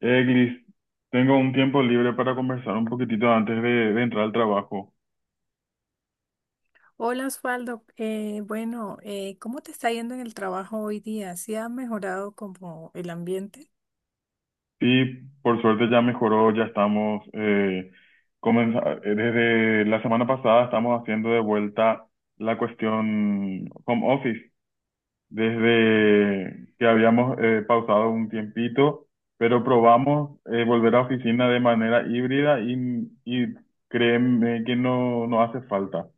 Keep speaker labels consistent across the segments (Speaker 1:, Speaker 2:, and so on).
Speaker 1: Gris, tengo un tiempo libre para conversar un poquitito antes de entrar al trabajo.
Speaker 2: Hola, Osvaldo. Bueno, ¿cómo te está yendo en el trabajo hoy día? ¿Sí ha mejorado como el ambiente?
Speaker 1: Y por suerte ya mejoró, ya estamos, desde la semana pasada estamos haciendo de vuelta la cuestión home office, desde que habíamos pausado un tiempito, pero probamos volver a oficina de manera híbrida y créeme que no, no hace falta.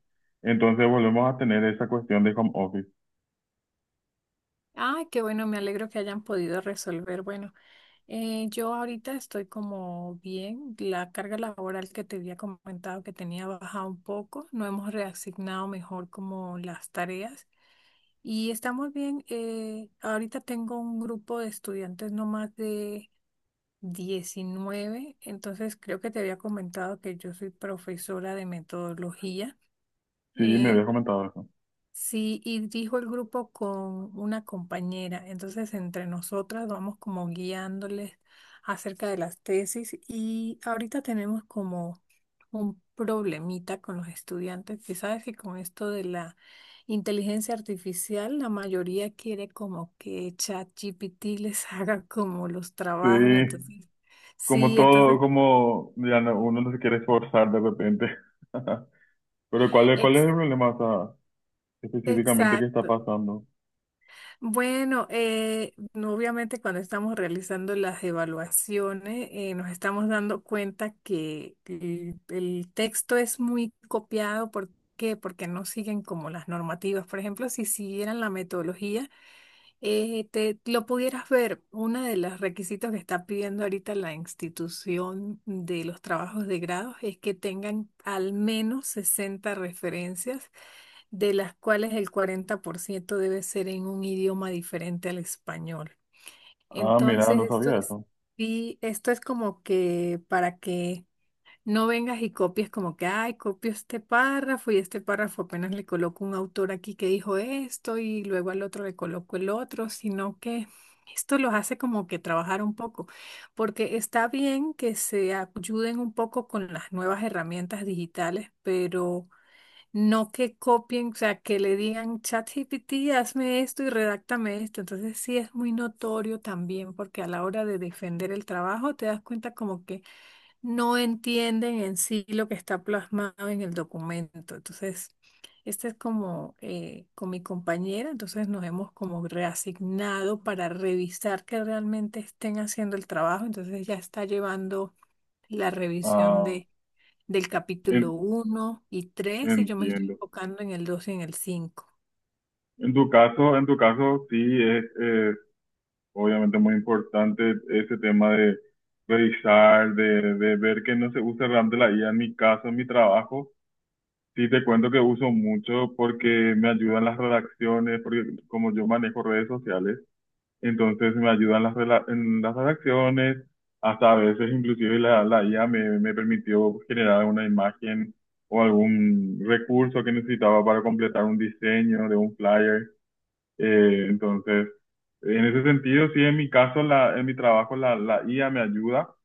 Speaker 1: Entonces volvemos a tener esa cuestión de home office.
Speaker 2: Ay, qué bueno, me alegro que hayan podido resolver. Bueno, yo ahorita estoy como bien, la carga laboral que te había comentado que tenía bajado un poco, no hemos reasignado mejor como las tareas y estamos bien. Ahorita tengo un grupo de estudiantes no más de 19, entonces creo que te había comentado que yo soy profesora de metodología.
Speaker 1: Sí, me había
Speaker 2: eh,
Speaker 1: comentado eso.
Speaker 2: Sí, y dijo el grupo con una compañera. Entonces, entre nosotras vamos como guiándoles acerca de las tesis y ahorita tenemos como un problemita con los estudiantes, que sabes que con esto de la inteligencia artificial, la mayoría quiere como que ChatGPT les haga como los
Speaker 1: Sí,
Speaker 2: trabajos. Entonces,
Speaker 1: como
Speaker 2: sí, entonces,
Speaker 1: todo, como uno no se quiere esforzar de repente. Pero ¿cuál es, cuál
Speaker 2: ex-
Speaker 1: es el problema, o sea, específicamente que está
Speaker 2: exacto.
Speaker 1: pasando?
Speaker 2: Bueno, no, obviamente cuando estamos realizando las evaluaciones nos estamos dando cuenta que el texto es muy copiado. ¿Por qué? Porque no siguen como las normativas. Por ejemplo, si siguieran la metodología, te lo pudieras ver. Uno de los requisitos que está pidiendo ahorita la institución de los trabajos de grado es que tengan al menos 60 referencias, de las cuales el 40% debe ser en un idioma diferente al español.
Speaker 1: Ah, mira,
Speaker 2: Entonces,
Speaker 1: no
Speaker 2: esto
Speaker 1: sabía
Speaker 2: es,
Speaker 1: eso.
Speaker 2: y esto es como que para que no vengas y copies como que, ay, copio este párrafo y este párrafo apenas le coloco un autor aquí que dijo esto y luego al otro le coloco el otro, sino que esto los hace como que trabajar un poco, porque está bien que se ayuden un poco con las nuevas herramientas digitales, pero no que copien, o sea, que le digan ChatGPT, hazme esto y redáctame esto. Entonces sí es muy notorio también porque a la hora de defender el trabajo te das cuenta como que no entienden en sí lo que está plasmado en el documento. Entonces, este es como con mi compañera, entonces nos hemos como reasignado para revisar que realmente estén haciendo el trabajo. Entonces ya está llevando la revisión
Speaker 1: Ah,
Speaker 2: del
Speaker 1: en-
Speaker 2: capítulo uno y tres y yo me estoy
Speaker 1: entiendo.
Speaker 2: enfocando en el 2 y en el cinco.
Speaker 1: En tu caso sí es, obviamente muy importante ese tema de revisar, de ver que no se usa realmente la I a en mi caso, en mi trabajo. Sí, te cuento que uso mucho porque me ayudan las redacciones, porque como yo manejo redes sociales, entonces me ayudan en las redacciones, hasta a veces inclusive la IA me permitió generar una imagen o algún recurso que necesitaba para completar un diseño de un flyer. Eh, entonces, en ese sentido, sí, en mi caso, en mi trabajo, la IA me ayuda.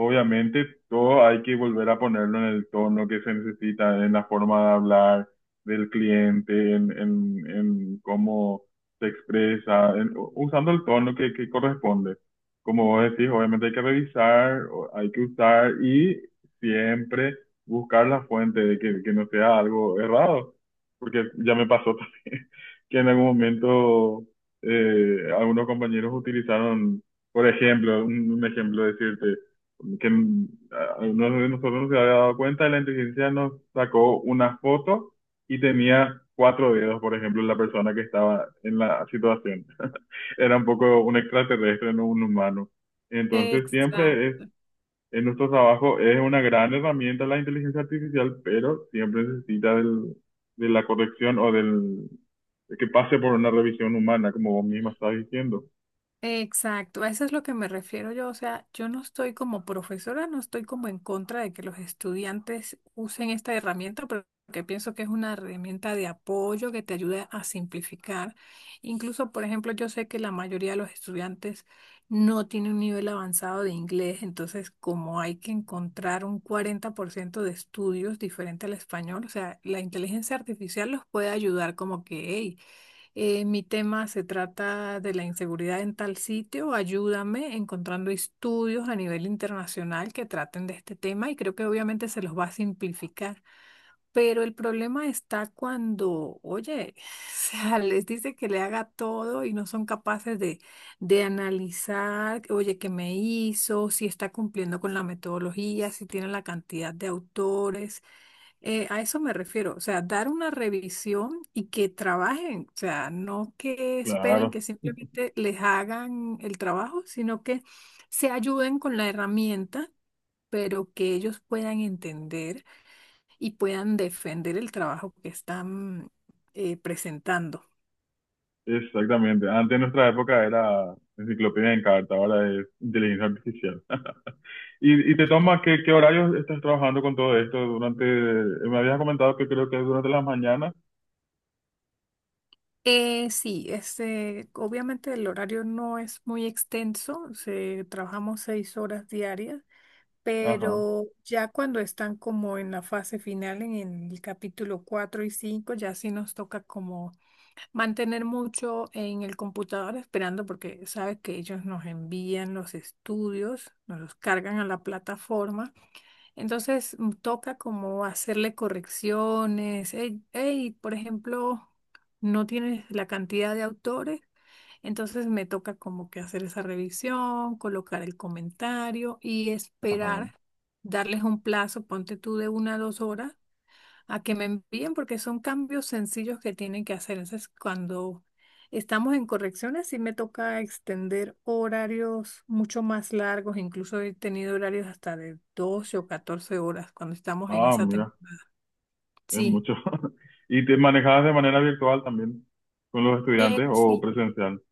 Speaker 1: Obviamente, todo hay que volver a ponerlo en el tono que se necesita, en la forma de hablar del cliente, en cómo se expresa, usando el tono que corresponde. Como vos decís, obviamente hay que revisar, hay que usar y siempre buscar la fuente de que no sea algo errado, porque ya me pasó también que en algún momento algunos compañeros utilizaron, por ejemplo, un ejemplo decirte, que algunos de nosotros no se había dado cuenta, la inteligencia nos sacó una foto y tenía cuatro dedos, por ejemplo, la persona que estaba en la situación. Era un poco un extraterrestre, no un humano. Entonces
Speaker 2: Exacto.
Speaker 1: siempre en nuestro trabajo es una gran herramienta la inteligencia artificial, pero siempre necesita de la corrección o del de que pase por una revisión humana, como vos misma estás diciendo.
Speaker 2: Exacto, a eso es lo que me refiero yo. O sea, yo no estoy como profesora, no estoy como en contra de que los estudiantes usen esta herramienta, pero porque pienso que es una herramienta de apoyo que te ayuda a simplificar. Incluso, por ejemplo, yo sé que la mayoría de los estudiantes no tienen un nivel avanzado de inglés, entonces como hay que encontrar un 40% de estudios diferente al español, o sea, la inteligencia artificial los puede ayudar como que, hey, mi tema se trata de la inseguridad en tal sitio. Ayúdame encontrando estudios a nivel internacional que traten de este tema y creo que obviamente se los va a simplificar. Pero el problema está cuando, oye, o sea, les dice que le haga todo y no son capaces de analizar, oye, qué me hizo, si está cumpliendo con la metodología, si tiene la cantidad de autores. A eso me refiero, o sea, dar una revisión y que trabajen, o sea, no que esperen
Speaker 1: Claro,
Speaker 2: que simplemente les hagan el trabajo, sino que se ayuden con la herramienta, pero que ellos puedan entender y puedan defender el trabajo que están presentando.
Speaker 1: exactamente. Antes en nuestra época era enciclopedia en carta, ahora es inteligencia artificial. ¿Y te toma qué horarios estás trabajando con todo esto durante? Me habías comentado que creo que es durante las mañanas.
Speaker 2: Sí, este, obviamente el horario no es muy extenso, se, trabajamos 6 horas diarias,
Speaker 1: Ajá,
Speaker 2: pero ya cuando están como en la fase final, en el capítulo 4 y 5, ya sí nos toca como mantener mucho en el computador esperando porque sabes que ellos nos envían los estudios, nos los cargan a la plataforma. Entonces toca como hacerle correcciones. Hey, hey, por ejemplo, no tienes la cantidad de autores, entonces me toca como que hacer esa revisión, colocar el comentario y
Speaker 1: ajá.
Speaker 2: esperar, darles un plazo, ponte tú de 1 a 2 horas a que me envíen porque son cambios sencillos que tienen que hacer. Entonces, cuando estamos en correcciones, sí me toca extender horarios mucho más largos, incluso he tenido horarios hasta de 12 o 14 horas cuando estamos en
Speaker 1: Ah,
Speaker 2: esa
Speaker 1: mira.
Speaker 2: temporada.
Speaker 1: Es
Speaker 2: Sí.
Speaker 1: mucho. ¿Y te manejabas de manera virtual también con los estudiantes o
Speaker 2: Sí,
Speaker 1: presencial?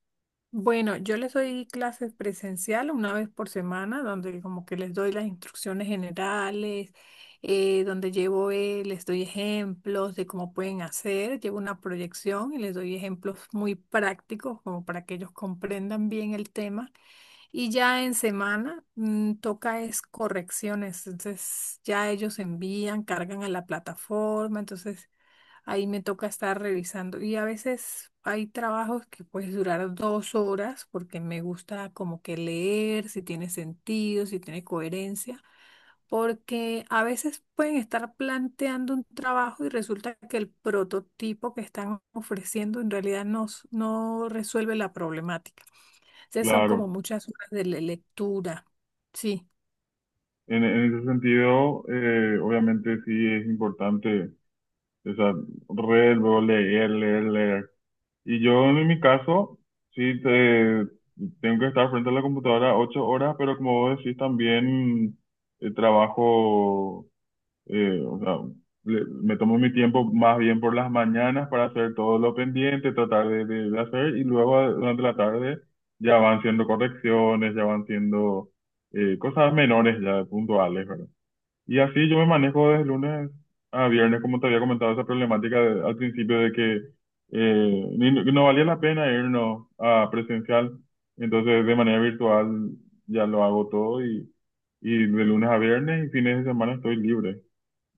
Speaker 2: bueno, yo les doy clases presencial una vez por semana, donde como que les doy las instrucciones generales, donde llevo, les doy ejemplos de cómo pueden hacer, llevo una proyección y les doy ejemplos muy prácticos como para que ellos comprendan bien el tema. Y ya en semana, toca es correcciones, entonces ya ellos envían, cargan a la plataforma, entonces ahí me toca estar revisando. Y a veces hay trabajos que puedes durar 2 horas porque me gusta como que leer, si tiene sentido, si tiene coherencia, porque a veces pueden estar planteando un trabajo y resulta que el prototipo que están ofreciendo en realidad no, no resuelve la problemática. Entonces son como
Speaker 1: Claro.
Speaker 2: muchas horas de lectura. Sí.
Speaker 1: En ese sentido, obviamente sí es importante esa red, luego leer, leer, leer. Y yo en mi caso, sí te- tengo que estar frente a la computadora 8 horas, pero como vos decís, también trabajo o sea, me tomo mi tiempo más bien por las mañanas para hacer todo lo pendiente, tratar de hacer y luego durante la tarde ya van siendo correcciones, ya van siendo cosas menores ya puntuales, ¿verdad? Y así yo me manejo desde lunes a viernes, como te había comentado esa problemática al principio de que no valía la pena irnos a presencial, entonces de manera virtual ya lo hago todo y de lunes a viernes y fines de semana estoy libre.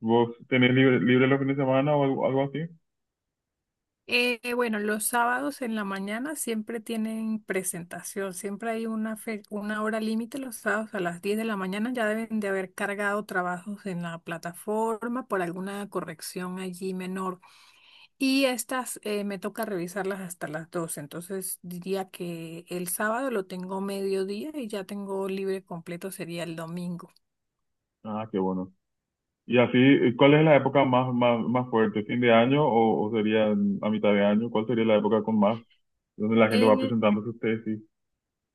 Speaker 1: ¿Vos tenés libre los fines de semana o algo, algo así?
Speaker 2: Bueno, los sábados en la mañana siempre tienen presentación, siempre hay una hora límite los sábados a las 10 de la mañana, ya deben de haber cargado trabajos en la plataforma por alguna corrección allí menor y estas me toca revisarlas hasta las 12, entonces diría que el sábado lo tengo mediodía y ya tengo libre completo sería el domingo.
Speaker 1: Ah, qué bueno. Y así, ¿cuál es la época más fuerte? ¿Fin de año o sería a mitad de año? ¿Cuál sería la época con más, donde la gente va
Speaker 2: En,
Speaker 1: presentando sus tesis?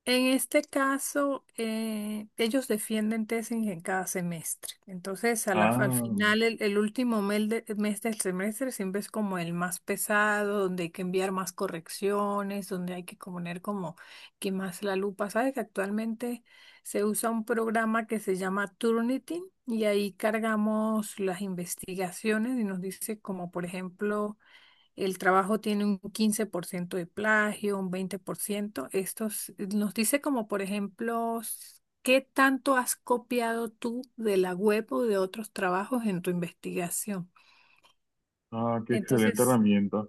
Speaker 2: En este caso, ellos defienden tesis en cada semestre. Entonces, al
Speaker 1: Ah,
Speaker 2: final, el último mes del semestre siempre es como el más pesado, donde hay que enviar más correcciones, donde hay que poner como que más la lupa. Sabes que actualmente se usa un programa que se llama Turnitin y ahí cargamos las investigaciones y nos dice como, por ejemplo, el trabajo tiene un 15% de plagio, un 20%. Esto nos dice como, por ejemplo, qué tanto has copiado tú de la web o de otros trabajos en tu investigación.
Speaker 1: ah, qué excelente
Speaker 2: Entonces,
Speaker 1: herramienta.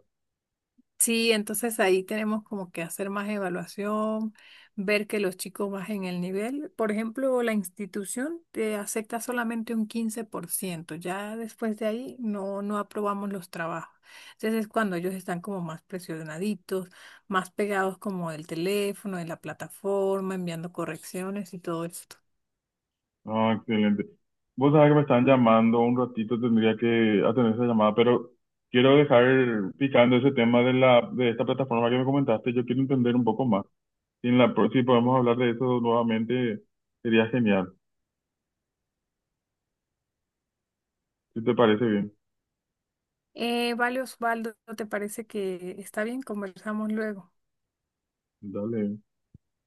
Speaker 2: sí, entonces ahí tenemos como que hacer más evaluación, ver que los chicos bajen el nivel. Por ejemplo, la institución te acepta solamente un 15%. Ya después de ahí no, no aprobamos los trabajos. Entonces es cuando ellos están como más presionaditos, más pegados como del teléfono, de la plataforma, enviando correcciones y todo esto.
Speaker 1: Ah, excelente. Vos sabés que me están llamando un ratito, tendría que atender esa llamada, pero quiero dejar picando ese tema de la, de esta plataforma que me comentaste. Yo quiero entender un poco más. Si en la, si podemos hablar de eso nuevamente, sería genial. Si te parece bien,
Speaker 2: Vale, Osvaldo, ¿te parece que está bien? Conversamos luego.
Speaker 1: dale.